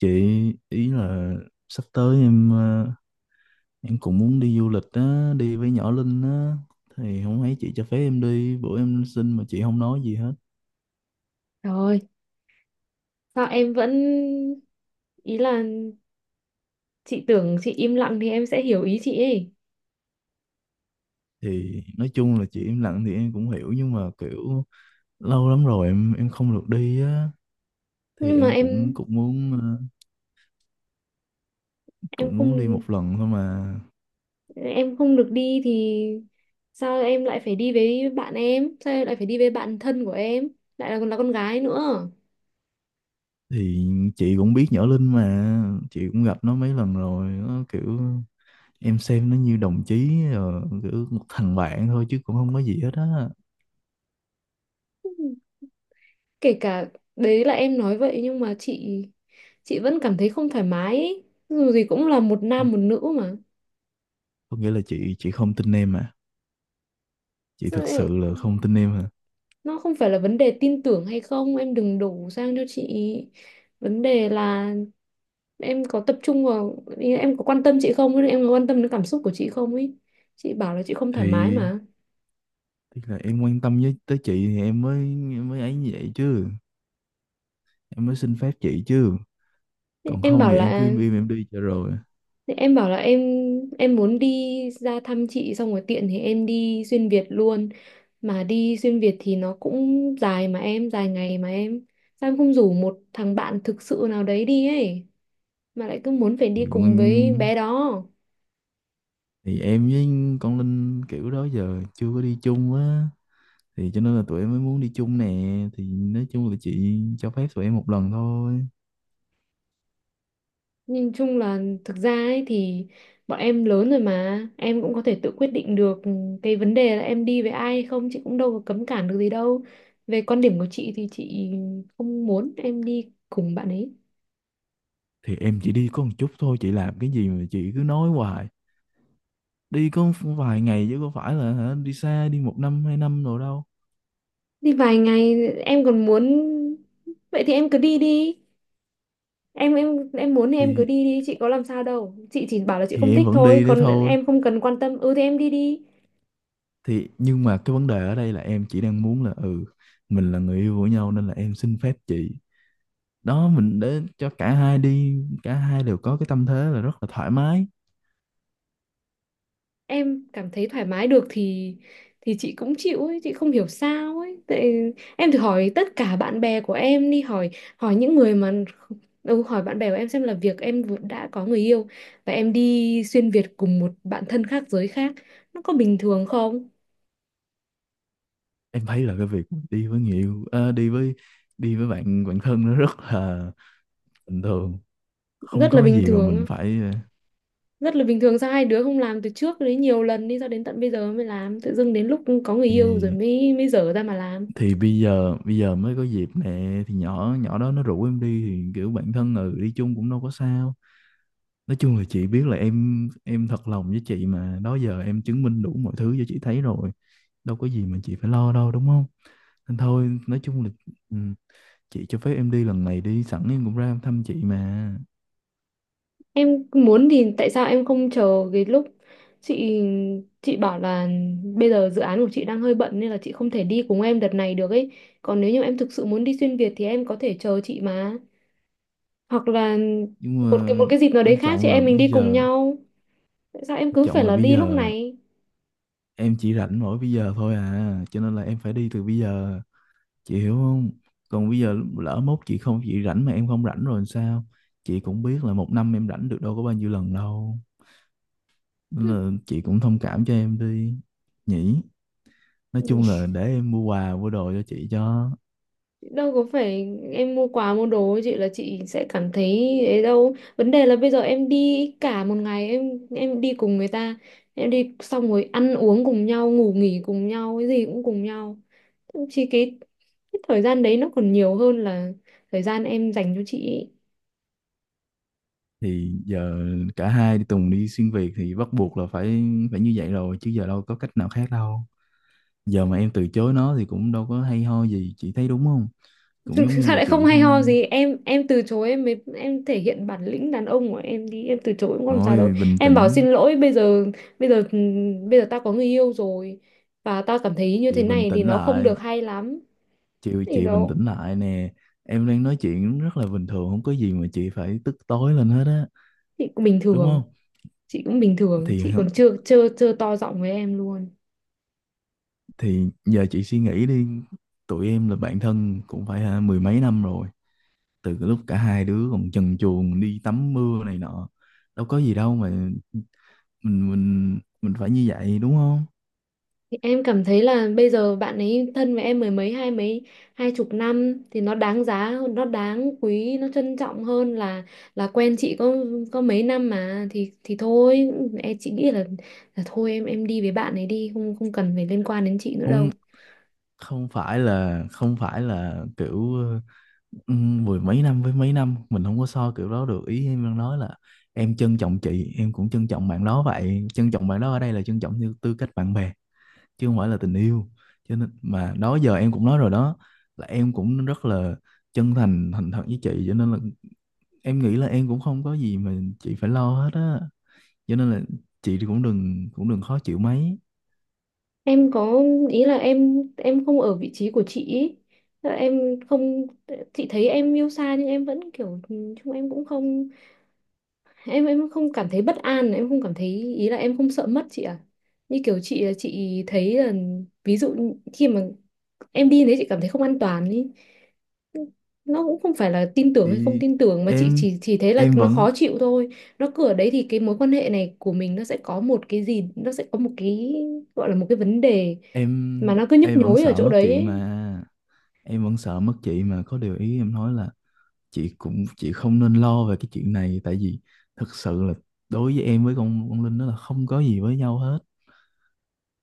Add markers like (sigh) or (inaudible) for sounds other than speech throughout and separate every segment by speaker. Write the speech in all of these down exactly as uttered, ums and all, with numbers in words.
Speaker 1: Chị ý là sắp tới em ờ, em cũng muốn đi du lịch á, đi với nhỏ Linh á thì không thấy chị cho phép em đi, bữa em xin mà chị không nói gì hết.
Speaker 2: Rồi, sao em vẫn, ý là, chị tưởng chị im lặng thì em sẽ hiểu ý chị ấy.
Speaker 1: Thì nói chung là chị im lặng thì em cũng hiểu nhưng mà kiểu lâu lắm rồi em em không được đi á thì
Speaker 2: Nhưng mà
Speaker 1: em cũng
Speaker 2: em
Speaker 1: cũng muốn ờ,
Speaker 2: em
Speaker 1: cũng
Speaker 2: không
Speaker 1: muốn đi một lần thôi mà.
Speaker 2: em không được đi thì sao em lại phải đi với bạn em? Sao em lại phải đi với bạn thân của em? Lại là còn là con gái nữa.
Speaker 1: Thì chị cũng biết nhỏ Linh mà, chị cũng gặp nó mấy lần rồi, nó kiểu em xem nó như đồng chí ờ, kiểu một thằng bạn thôi chứ cũng không có gì hết á.
Speaker 2: Kể cả đấy là em nói vậy nhưng mà chị chị vẫn cảm thấy không thoải mái ấy. Dù gì cũng là một nam một nữ mà.
Speaker 1: Có nghĩa là chị chị không tin em à, chị
Speaker 2: Sao
Speaker 1: thực sự
Speaker 2: em-
Speaker 1: là không tin em à?
Speaker 2: Nó không phải là vấn đề tin tưởng hay không, em đừng đổ sang cho chị. Vấn đề là em có tập trung vào, ý là, em có quan tâm chị không, em có quan tâm đến cảm xúc của chị không ấy. Chị bảo là chị không thoải mái
Speaker 1: Thì
Speaker 2: mà.
Speaker 1: tức là em quan tâm với tới chị thì em mới em mới ấy như vậy chứ, em mới xin phép chị chứ,
Speaker 2: Thế
Speaker 1: còn
Speaker 2: em
Speaker 1: không
Speaker 2: bảo
Speaker 1: thì
Speaker 2: là
Speaker 1: em cứ im im em đi cho rồi.
Speaker 2: thế em bảo là em em muốn đi ra thăm chị xong rồi tiện thì em đi xuyên Việt luôn. Mà đi xuyên Việt thì nó cũng dài, mà em dài ngày mà em, sao em không rủ một thằng bạn thực sự nào đấy đi ấy, mà lại cứ muốn phải
Speaker 1: thì,
Speaker 2: đi cùng với
Speaker 1: nguyên-
Speaker 2: bé đó.
Speaker 1: thì em với con Linh kiểu đó giờ chưa có đi chung á, thì cho nên là tụi em mới muốn đi chung nè, thì nói chung là chị cho phép tụi em một lần thôi.
Speaker 2: Nhìn chung là, thực ra ấy thì bọn em lớn rồi mà em cũng có thể tự quyết định được. Cái vấn đề là em đi với ai hay không chị cũng đâu có cấm cản được gì đâu. Về quan điểm của chị thì chị không muốn em đi cùng bạn ấy.
Speaker 1: Thì em chỉ đi có một chút thôi, chị làm cái gì mà chị cứ nói hoài, đi có vài ngày chứ có phải là hả, đi xa đi một năm hai năm rồi đâu.
Speaker 2: Đi vài ngày em còn muốn. Vậy thì em cứ đi đi. Em em em muốn thì em cứ
Speaker 1: thì
Speaker 2: đi đi. Chị có làm sao đâu, chị chỉ bảo là chị
Speaker 1: thì
Speaker 2: không
Speaker 1: em
Speaker 2: thích
Speaker 1: vẫn
Speaker 2: thôi,
Speaker 1: đi đấy
Speaker 2: còn
Speaker 1: thôi,
Speaker 2: em không cần quan tâm, ừ thì em đi đi.
Speaker 1: thì nhưng mà cái vấn đề ở đây là em chỉ đang muốn là ừ, mình là người yêu của nhau nên là em xin phép chị, đó mình để cho cả hai đi, cả hai đều có cái tâm thế là rất là thoải mái.
Speaker 2: Em cảm thấy thoải mái được thì thì chị cũng chịu ấy, chị không hiểu sao ấy. Tại em thử hỏi tất cả bạn bè của em đi, hỏi hỏi những người mà, ừ, hỏi bạn bè của em xem là việc em vừa- đã có người yêu và em đi xuyên Việt cùng một bạn thân khác giới khác nó có bình thường không.
Speaker 1: Em thấy là cái việc đi với người yêu ờ, đi với đi với bạn bạn thân nó rất là bình thường, không
Speaker 2: Rất
Speaker 1: có
Speaker 2: là
Speaker 1: cái
Speaker 2: bình
Speaker 1: gì mà mình
Speaker 2: thường.
Speaker 1: phải ờ,
Speaker 2: Rất là bình thường sao hai đứa không làm từ trước đấy nhiều lần đi, sao đến tận bây giờ mới làm, tự dưng đến lúc có người yêu rồi
Speaker 1: thì
Speaker 2: mới mới dở ra mà làm.
Speaker 1: thì bây giờ bây giờ mới có dịp nè, thì nhỏ nhỏ đó nó rủ em đi thì kiểu bạn thân, ừ, đi chung cũng đâu có sao. Nói chung là chị biết là em em thật lòng với chị mà, đó giờ em chứng minh đủ mọi thứ cho chị thấy rồi, đâu có gì mà chị phải lo đâu, đúng không? Nên thôi, nói chung là ừ, chị cho phép em đi lần này đi, sẵn em cũng ra thăm chị mà.
Speaker 2: Em muốn thì tại sao em không chờ cái lúc chị chị bảo là bây giờ dự án của chị đang hơi bận nên là chị không thể đi cùng em đợt này được ấy. Còn nếu như em thực sự muốn đi xuyên Việt thì em có thể chờ chị mà. Hoặc là
Speaker 1: Nhưng
Speaker 2: một cái một
Speaker 1: mà
Speaker 2: cái dịp nào đấy
Speaker 1: quan
Speaker 2: khác chị
Speaker 1: trọng là
Speaker 2: em mình
Speaker 1: bây
Speaker 2: đi cùng
Speaker 1: giờ,
Speaker 2: nhau. Tại sao em
Speaker 1: quan
Speaker 2: cứ phải
Speaker 1: trọng là
Speaker 2: là
Speaker 1: bây
Speaker 2: đi lúc
Speaker 1: giờ
Speaker 2: này?
Speaker 1: em chỉ rảnh mỗi bây giờ thôi à, cho nên là em phải đi từ bây giờ, chị hiểu không? Còn bây giờ lỡ mốt chị không, chị rảnh mà em không rảnh rồi làm sao? Chị cũng biết là một năm em rảnh được đâu có bao nhiêu lần đâu. Nên là chị cũng thông cảm cho em đi nhỉ, nói
Speaker 2: Hừ.
Speaker 1: chung là để em mua quà mua đồ cho chị cho.
Speaker 2: Đâu có phải em mua quà mua đồ chị là chị sẽ cảm thấy ấy đâu. Vấn đề là bây giờ em đi cả một ngày, em em đi cùng người ta, em đi xong rồi ăn uống cùng nhau, ngủ nghỉ cùng nhau, cái gì cũng cùng nhau. Chỉ cái, cái thời gian đấy nó còn nhiều hơn là thời gian em dành cho chị ý.
Speaker 1: Thì giờ cả hai đi Tùng đi xuyên Việt thì bắt buộc là phải phải như vậy rồi chứ, giờ đâu có cách nào khác đâu, giờ mà em từ chối nó thì cũng đâu có hay ho gì, chị thấy đúng không? Cũng
Speaker 2: Thực
Speaker 1: giống
Speaker 2: thực
Speaker 1: như
Speaker 2: ra
Speaker 1: là
Speaker 2: lại không
Speaker 1: chị
Speaker 2: hay ho
Speaker 1: không.
Speaker 2: gì, em em từ chối, em mới em thể hiện bản lĩnh đàn ông của em đi, em từ chối cũng không làm sao đâu.
Speaker 1: Ôi, bình
Speaker 2: Em bảo
Speaker 1: tĩnh,
Speaker 2: xin lỗi bây giờ, bây giờ bây giờ tao có người yêu rồi và tao cảm thấy như thế
Speaker 1: chị bình
Speaker 2: này thì
Speaker 1: tĩnh
Speaker 2: nó không
Speaker 1: lại,
Speaker 2: được hay lắm.
Speaker 1: chị
Speaker 2: Thì
Speaker 1: chị bình
Speaker 2: đó,
Speaker 1: tĩnh lại nè, em đang nói chuyện rất là bình thường, không có gì mà chị phải tức tối lên hết á,
Speaker 2: chị cũng bình
Speaker 1: đúng không?
Speaker 2: thường, chị cũng bình thường,
Speaker 1: thì
Speaker 2: chị còn chưa chưa chưa to giọng với em luôn.
Speaker 1: Thì giờ chị suy nghĩ đi, tụi em là bạn thân cũng phải hả, mười mấy năm rồi. Từ cái lúc cả hai đứa còn trần truồng đi tắm mưa này nọ. Đâu có gì đâu mà mình mình mình phải như vậy đúng không?
Speaker 2: Thì em cảm thấy là bây giờ bạn ấy thân với em mười mấy, hai mấy, hai chục năm thì nó đáng giá hơn, nó đáng quý, nó trân trọng hơn là là quen chị có có mấy năm mà, thì thì thôi em, chị nghĩ là là thôi em em đi với bạn ấy đi, không không cần phải liên quan đến chị nữa đâu.
Speaker 1: Không, không phải là, không phải là kiểu ừ, mười mấy năm với mấy năm mình không có so kiểu đó được. Ý em đang nói là em trân trọng chị, em cũng trân trọng bạn đó vậy. Trân trọng bạn đó ở đây là trân trọng như tư cách bạn bè, chứ không phải là tình yêu. Cho nên mà đó giờ em cũng nói rồi đó, là em cũng rất là chân thành thành thật với chị, cho nên là em nghĩ là em cũng không có gì mà chị phải lo hết á. Cho nên là chị thì cũng đừng, cũng đừng khó chịu mấy.
Speaker 2: Em có ý là em em không ở vị trí của chị ý. Tức là em không. Chị thấy em yêu xa nhưng em vẫn kiểu ừ, chung em cũng không, em em không cảm thấy bất an, em không cảm thấy, ý là em không sợ mất chị à. Như kiểu chị chị thấy là ví dụ như khi mà em đi đấy chị cảm thấy không an toàn ý. Nó cũng không phải là tin tưởng hay không
Speaker 1: Thì
Speaker 2: tin tưởng mà chị
Speaker 1: em
Speaker 2: chỉ chỉ thấy là
Speaker 1: em
Speaker 2: nó
Speaker 1: vẫn
Speaker 2: khó chịu thôi. Nó cứ ở đấy thì cái mối quan hệ này của mình nó sẽ có một cái gì, nó sẽ có một cái, gọi là một cái vấn đề, mà
Speaker 1: em
Speaker 2: nó cứ nhức
Speaker 1: em vẫn
Speaker 2: nhối ở
Speaker 1: sợ
Speaker 2: chỗ
Speaker 1: mất chị
Speaker 2: đấy.
Speaker 1: mà, em vẫn sợ mất chị mà, có điều ý em nói là chị cũng, chị không nên lo về cái chuyện này, tại vì thực sự là đối với em, với con con Linh đó là không có gì với nhau hết,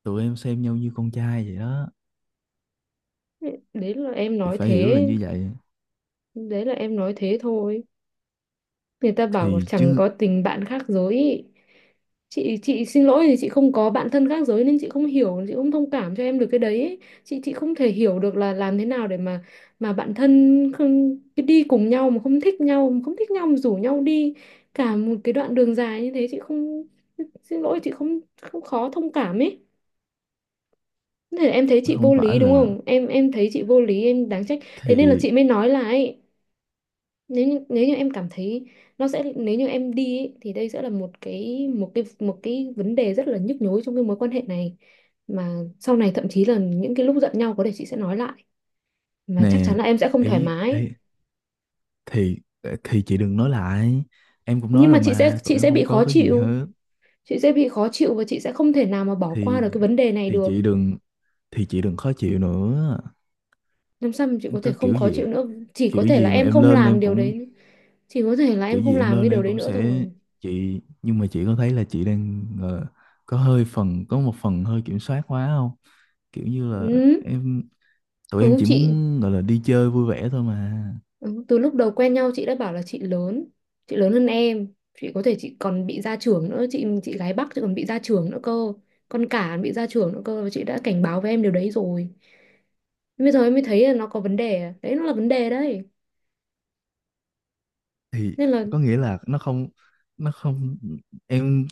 Speaker 1: tụi em xem nhau như con trai vậy đó,
Speaker 2: Ấy. Đấy là em
Speaker 1: thì
Speaker 2: nói
Speaker 1: phải hiểu là
Speaker 2: thế,
Speaker 1: như vậy.
Speaker 2: đấy là em nói thế thôi. Người ta bảo
Speaker 1: Thì
Speaker 2: chẳng
Speaker 1: chứ
Speaker 2: có tình bạn khác giới ý. chị chị xin lỗi thì chị không có bạn thân khác giới nên chị không hiểu, chị không thông cảm cho em được cái đấy ấy. chị chị không thể hiểu được là làm thế nào để mà mà bạn thân không cái đi cùng nhau, mà không thích nhau, mà không thích nhau mà rủ nhau đi cả một cái đoạn đường dài như thế. Chị không, xin lỗi, chị không không khó thông cảm ấy. Thế là em thấy chị
Speaker 1: không
Speaker 2: vô
Speaker 1: phải
Speaker 2: lý đúng
Speaker 1: là,
Speaker 2: không, em em thấy chị vô lý, em đáng trách. Thế nên là
Speaker 1: thì
Speaker 2: chị mới nói là ấy, nếu như, nếu như em cảm thấy, nó sẽ, nếu như em đi ấy, thì đây sẽ là một cái một cái một cái vấn đề rất là nhức nhối trong cái mối quan hệ này, mà sau này thậm chí là những cái lúc giận nhau có thể chị sẽ nói lại, mà
Speaker 1: nè,
Speaker 2: chắc chắn là em sẽ không thoải
Speaker 1: ý,
Speaker 2: mái.
Speaker 1: ý thì ờ, thì chị đừng nói lại, em cũng nói
Speaker 2: Nhưng mà
Speaker 1: rồi
Speaker 2: chị sẽ
Speaker 1: mà tụi
Speaker 2: chị
Speaker 1: em
Speaker 2: sẽ bị
Speaker 1: không
Speaker 2: khó
Speaker 1: có cái gì
Speaker 2: chịu,
Speaker 1: hết.
Speaker 2: chị sẽ bị khó chịu và chị sẽ không thể nào mà bỏ qua
Speaker 1: thì
Speaker 2: được cái vấn đề này
Speaker 1: thì
Speaker 2: được.
Speaker 1: chị đừng, thì chị đừng khó chịu nữa.
Speaker 2: Làm sao mà chị
Speaker 1: Em
Speaker 2: có thể
Speaker 1: có
Speaker 2: không
Speaker 1: kiểu
Speaker 2: khó
Speaker 1: gì,
Speaker 2: chịu nữa? Chỉ có
Speaker 1: kiểu
Speaker 2: thể là
Speaker 1: gì mà
Speaker 2: em
Speaker 1: em
Speaker 2: không
Speaker 1: lên
Speaker 2: làm
Speaker 1: em
Speaker 2: điều
Speaker 1: cũng,
Speaker 2: đấy, chỉ có thể là
Speaker 1: kiểu
Speaker 2: em không
Speaker 1: gì em
Speaker 2: làm cái
Speaker 1: lên
Speaker 2: điều
Speaker 1: em
Speaker 2: đấy
Speaker 1: cũng
Speaker 2: nữa
Speaker 1: sẽ,
Speaker 2: thôi.
Speaker 1: chị nhưng mà chị có thấy là chị đang ờ, có hơi phần, có một phần hơi kiểm soát quá không, kiểu như là
Speaker 2: Ừ.
Speaker 1: em tụi em
Speaker 2: Ừ,
Speaker 1: chỉ
Speaker 2: chị.
Speaker 1: muốn gọi là đi chơi vui vẻ thôi mà.
Speaker 2: Ừ, từ lúc đầu quen nhau chị đã bảo là chị lớn chị lớn hơn em, chị có thể, chị còn bị ra trưởng nữa, chị chị gái Bắc, chị còn bị ra trưởng nữa cơ, con cả bị ra trưởng nữa cơ, và chị đã cảnh báo với em điều đấy rồi. Bây giờ em mới thấy là nó có vấn đề đấy, nó là vấn đề đấy.
Speaker 1: Thì
Speaker 2: Nên là
Speaker 1: có nghĩa là nó không, nó không em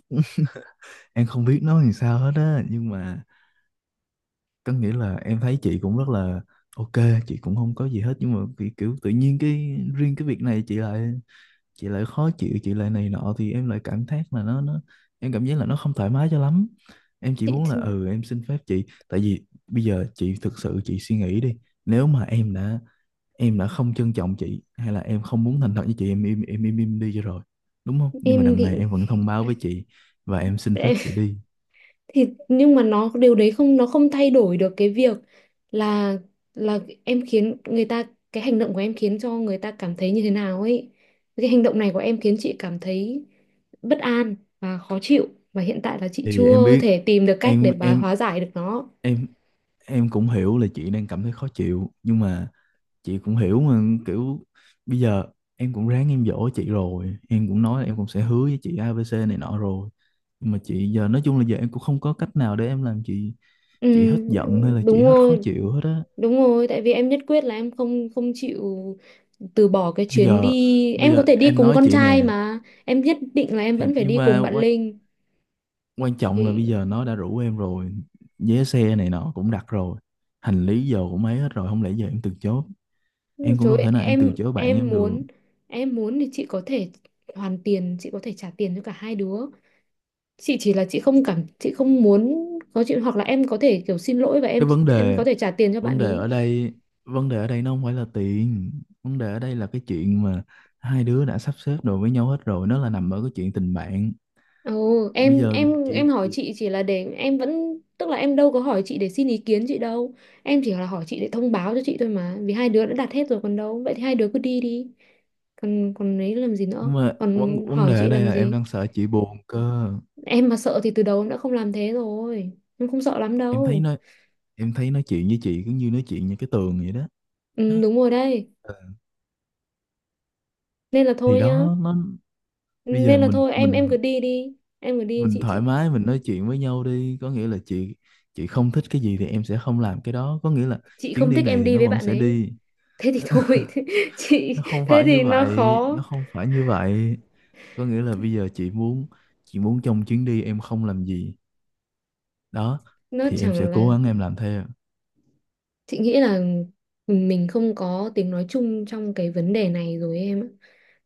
Speaker 1: em không biết nói làm sao hết á, nhưng mà có nghĩa là em thấy chị cũng rất là ok, chị cũng không có gì hết, nhưng mà kiểu, kiểu tự nhiên cái riêng cái việc này chị lại, chị lại khó chịu chị lại này nọ, thì em lại cảm giác là nó nó, em cảm giác là nó không thoải mái cho lắm. Em chỉ muốn là
Speaker 2: chị
Speaker 1: ừ em xin phép chị, tại vì bây giờ chị thực sự chị suy nghĩ đi, nếu mà em đã em đã không trân trọng chị hay là em không muốn thành thật với chị, em im em im im đi cho rồi đúng không, nhưng mà
Speaker 2: em
Speaker 1: đằng
Speaker 2: thì.
Speaker 1: này em vẫn thông báo với chị và em xin phép chị
Speaker 2: (laughs)
Speaker 1: đi.
Speaker 2: Thì nhưng mà nó, điều đấy không, nó không thay đổi được cái việc là là em khiến người ta, cái hành động của em khiến cho người ta cảm thấy như thế nào ấy, cái hành động này của em khiến chị cảm thấy bất an và khó chịu, và hiện tại là chị
Speaker 1: Thì em
Speaker 2: chưa
Speaker 1: biết,
Speaker 2: thể tìm được cách để
Speaker 1: em
Speaker 2: bà
Speaker 1: em
Speaker 2: hóa giải được nó.
Speaker 1: em em cũng hiểu là chị đang cảm thấy khó chịu, nhưng mà chị cũng hiểu mà kiểu bây giờ em cũng ráng em dỗ chị rồi, em cũng nói là em cũng sẽ hứa với chị a bê xê này nọ rồi, nhưng mà chị giờ nói chung là giờ em cũng không có cách nào để em làm chị
Speaker 2: Ừ,
Speaker 1: chị hết giận hay là chị
Speaker 2: đúng
Speaker 1: hết khó
Speaker 2: rồi,
Speaker 1: chịu hết á.
Speaker 2: đúng rồi, tại vì em nhất quyết là em không không chịu từ bỏ cái
Speaker 1: bây
Speaker 2: chuyến
Speaker 1: giờ
Speaker 2: đi,
Speaker 1: Bây
Speaker 2: em có
Speaker 1: giờ
Speaker 2: thể đi
Speaker 1: em
Speaker 2: cùng
Speaker 1: nói
Speaker 2: con
Speaker 1: chị
Speaker 2: trai
Speaker 1: nè,
Speaker 2: mà, em nhất định là em
Speaker 1: thì
Speaker 2: vẫn phải
Speaker 1: nhưng
Speaker 2: đi
Speaker 1: mà
Speaker 2: cùng bạn
Speaker 1: quan,
Speaker 2: Linh.
Speaker 1: quan trọng là bây
Speaker 2: Thì
Speaker 1: giờ nó đã rủ em rồi, vé xe này nọ cũng đặt rồi, hành lý giờ cũng ấy hết rồi, không lẽ giờ em từ chối, em cũng
Speaker 2: Chối,
Speaker 1: đâu thể nào em từ
Speaker 2: em
Speaker 1: chối bạn
Speaker 2: em
Speaker 1: em được.
Speaker 2: muốn, em muốn thì chị có thể hoàn tiền, chị có thể trả tiền cho cả hai đứa, chị chỉ là chị không cảm, chị không muốn có chuyện, hoặc là em có thể kiểu xin lỗi và em
Speaker 1: Cái vấn
Speaker 2: em có
Speaker 1: đề,
Speaker 2: thể trả tiền cho bạn
Speaker 1: vấn đề
Speaker 2: ý.
Speaker 1: ở đây vấn đề ở đây nó không phải là tiền, vấn đề ở đây là cái chuyện mà hai đứa đã sắp xếp đồ với nhau hết rồi, nó là nằm ở cái chuyện tình bạn.
Speaker 2: Ồ,
Speaker 1: Bây
Speaker 2: em
Speaker 1: giờ
Speaker 2: em em
Speaker 1: chị
Speaker 2: hỏi
Speaker 1: chị-
Speaker 2: chị chỉ là để em vẫn, tức là em đâu có hỏi chị để xin ý kiến chị đâu, em chỉ là hỏi chị để thông báo cho chị thôi mà, vì hai đứa đã đặt hết rồi còn đâu, vậy thì hai đứa cứ đi đi, còn còn ấy làm gì nữa,
Speaker 1: nhưng mà vấn
Speaker 2: còn
Speaker 1: vấn
Speaker 2: hỏi
Speaker 1: đề ở
Speaker 2: chị
Speaker 1: đây
Speaker 2: làm
Speaker 1: là em
Speaker 2: gì.
Speaker 1: đang sợ chị buồn cơ.
Speaker 2: Em mà sợ thì từ đầu em đã không làm thế rồi. Em không sợ lắm
Speaker 1: Em thấy
Speaker 2: đâu.
Speaker 1: nó, em thấy nói chuyện với chị cứ như nói chuyện như cái tường vậy đó.
Speaker 2: Ừ,
Speaker 1: Nó
Speaker 2: đúng rồi đây.
Speaker 1: ờ,
Speaker 2: Nên là
Speaker 1: thì
Speaker 2: thôi nhá.
Speaker 1: đó nó, bây giờ
Speaker 2: Nên là
Speaker 1: mình
Speaker 2: thôi, em em
Speaker 1: mình
Speaker 2: cứ đi đi. Em cứ đi
Speaker 1: mình
Speaker 2: chị,
Speaker 1: thoải
Speaker 2: chị
Speaker 1: mái mình nói chuyện với nhau đi, có nghĩa là chị chị không thích cái gì thì em sẽ không làm cái đó, có nghĩa là
Speaker 2: chị
Speaker 1: chuyến
Speaker 2: không
Speaker 1: đi
Speaker 2: thích
Speaker 1: này
Speaker 2: em
Speaker 1: thì
Speaker 2: đi
Speaker 1: nó
Speaker 2: với
Speaker 1: vẫn
Speaker 2: bạn
Speaker 1: sẽ
Speaker 2: ấy.
Speaker 1: đi.
Speaker 2: Thế thì
Speaker 1: (laughs)
Speaker 2: thôi. (laughs) Thế, chị
Speaker 1: Nó không
Speaker 2: thế
Speaker 1: phải như
Speaker 2: thì nó
Speaker 1: vậy,
Speaker 2: khó.
Speaker 1: nó không phải như vậy, có nghĩa là bây giờ chị muốn, chị muốn trong chuyến đi em không làm gì đó
Speaker 2: Nó
Speaker 1: thì em sẽ
Speaker 2: chẳng
Speaker 1: cố
Speaker 2: là,
Speaker 1: gắng em làm theo.
Speaker 2: chị nghĩ là mình không có tiếng nói chung trong cái vấn đề này rồi em ạ.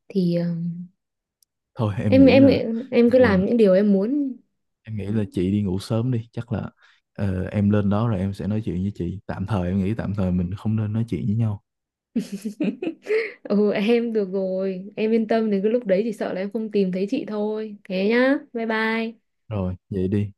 Speaker 2: Thì ờ,
Speaker 1: Thôi em
Speaker 2: em
Speaker 1: nghĩ
Speaker 2: em
Speaker 1: là
Speaker 2: em
Speaker 1: bây
Speaker 2: cứ
Speaker 1: giờ,
Speaker 2: làm những điều em muốn.
Speaker 1: em nghĩ là chị đi ngủ sớm đi, chắc là ờ, em lên đó rồi em sẽ nói chuyện với chị, tạm thời em nghĩ tạm thời mình không nên nói chuyện với nhau.
Speaker 2: (laughs) Ừ em được rồi, em yên tâm, đến cái lúc đấy chỉ sợ là em không tìm thấy chị thôi, thế nhá, bye bye.
Speaker 1: Rồi vậy đi.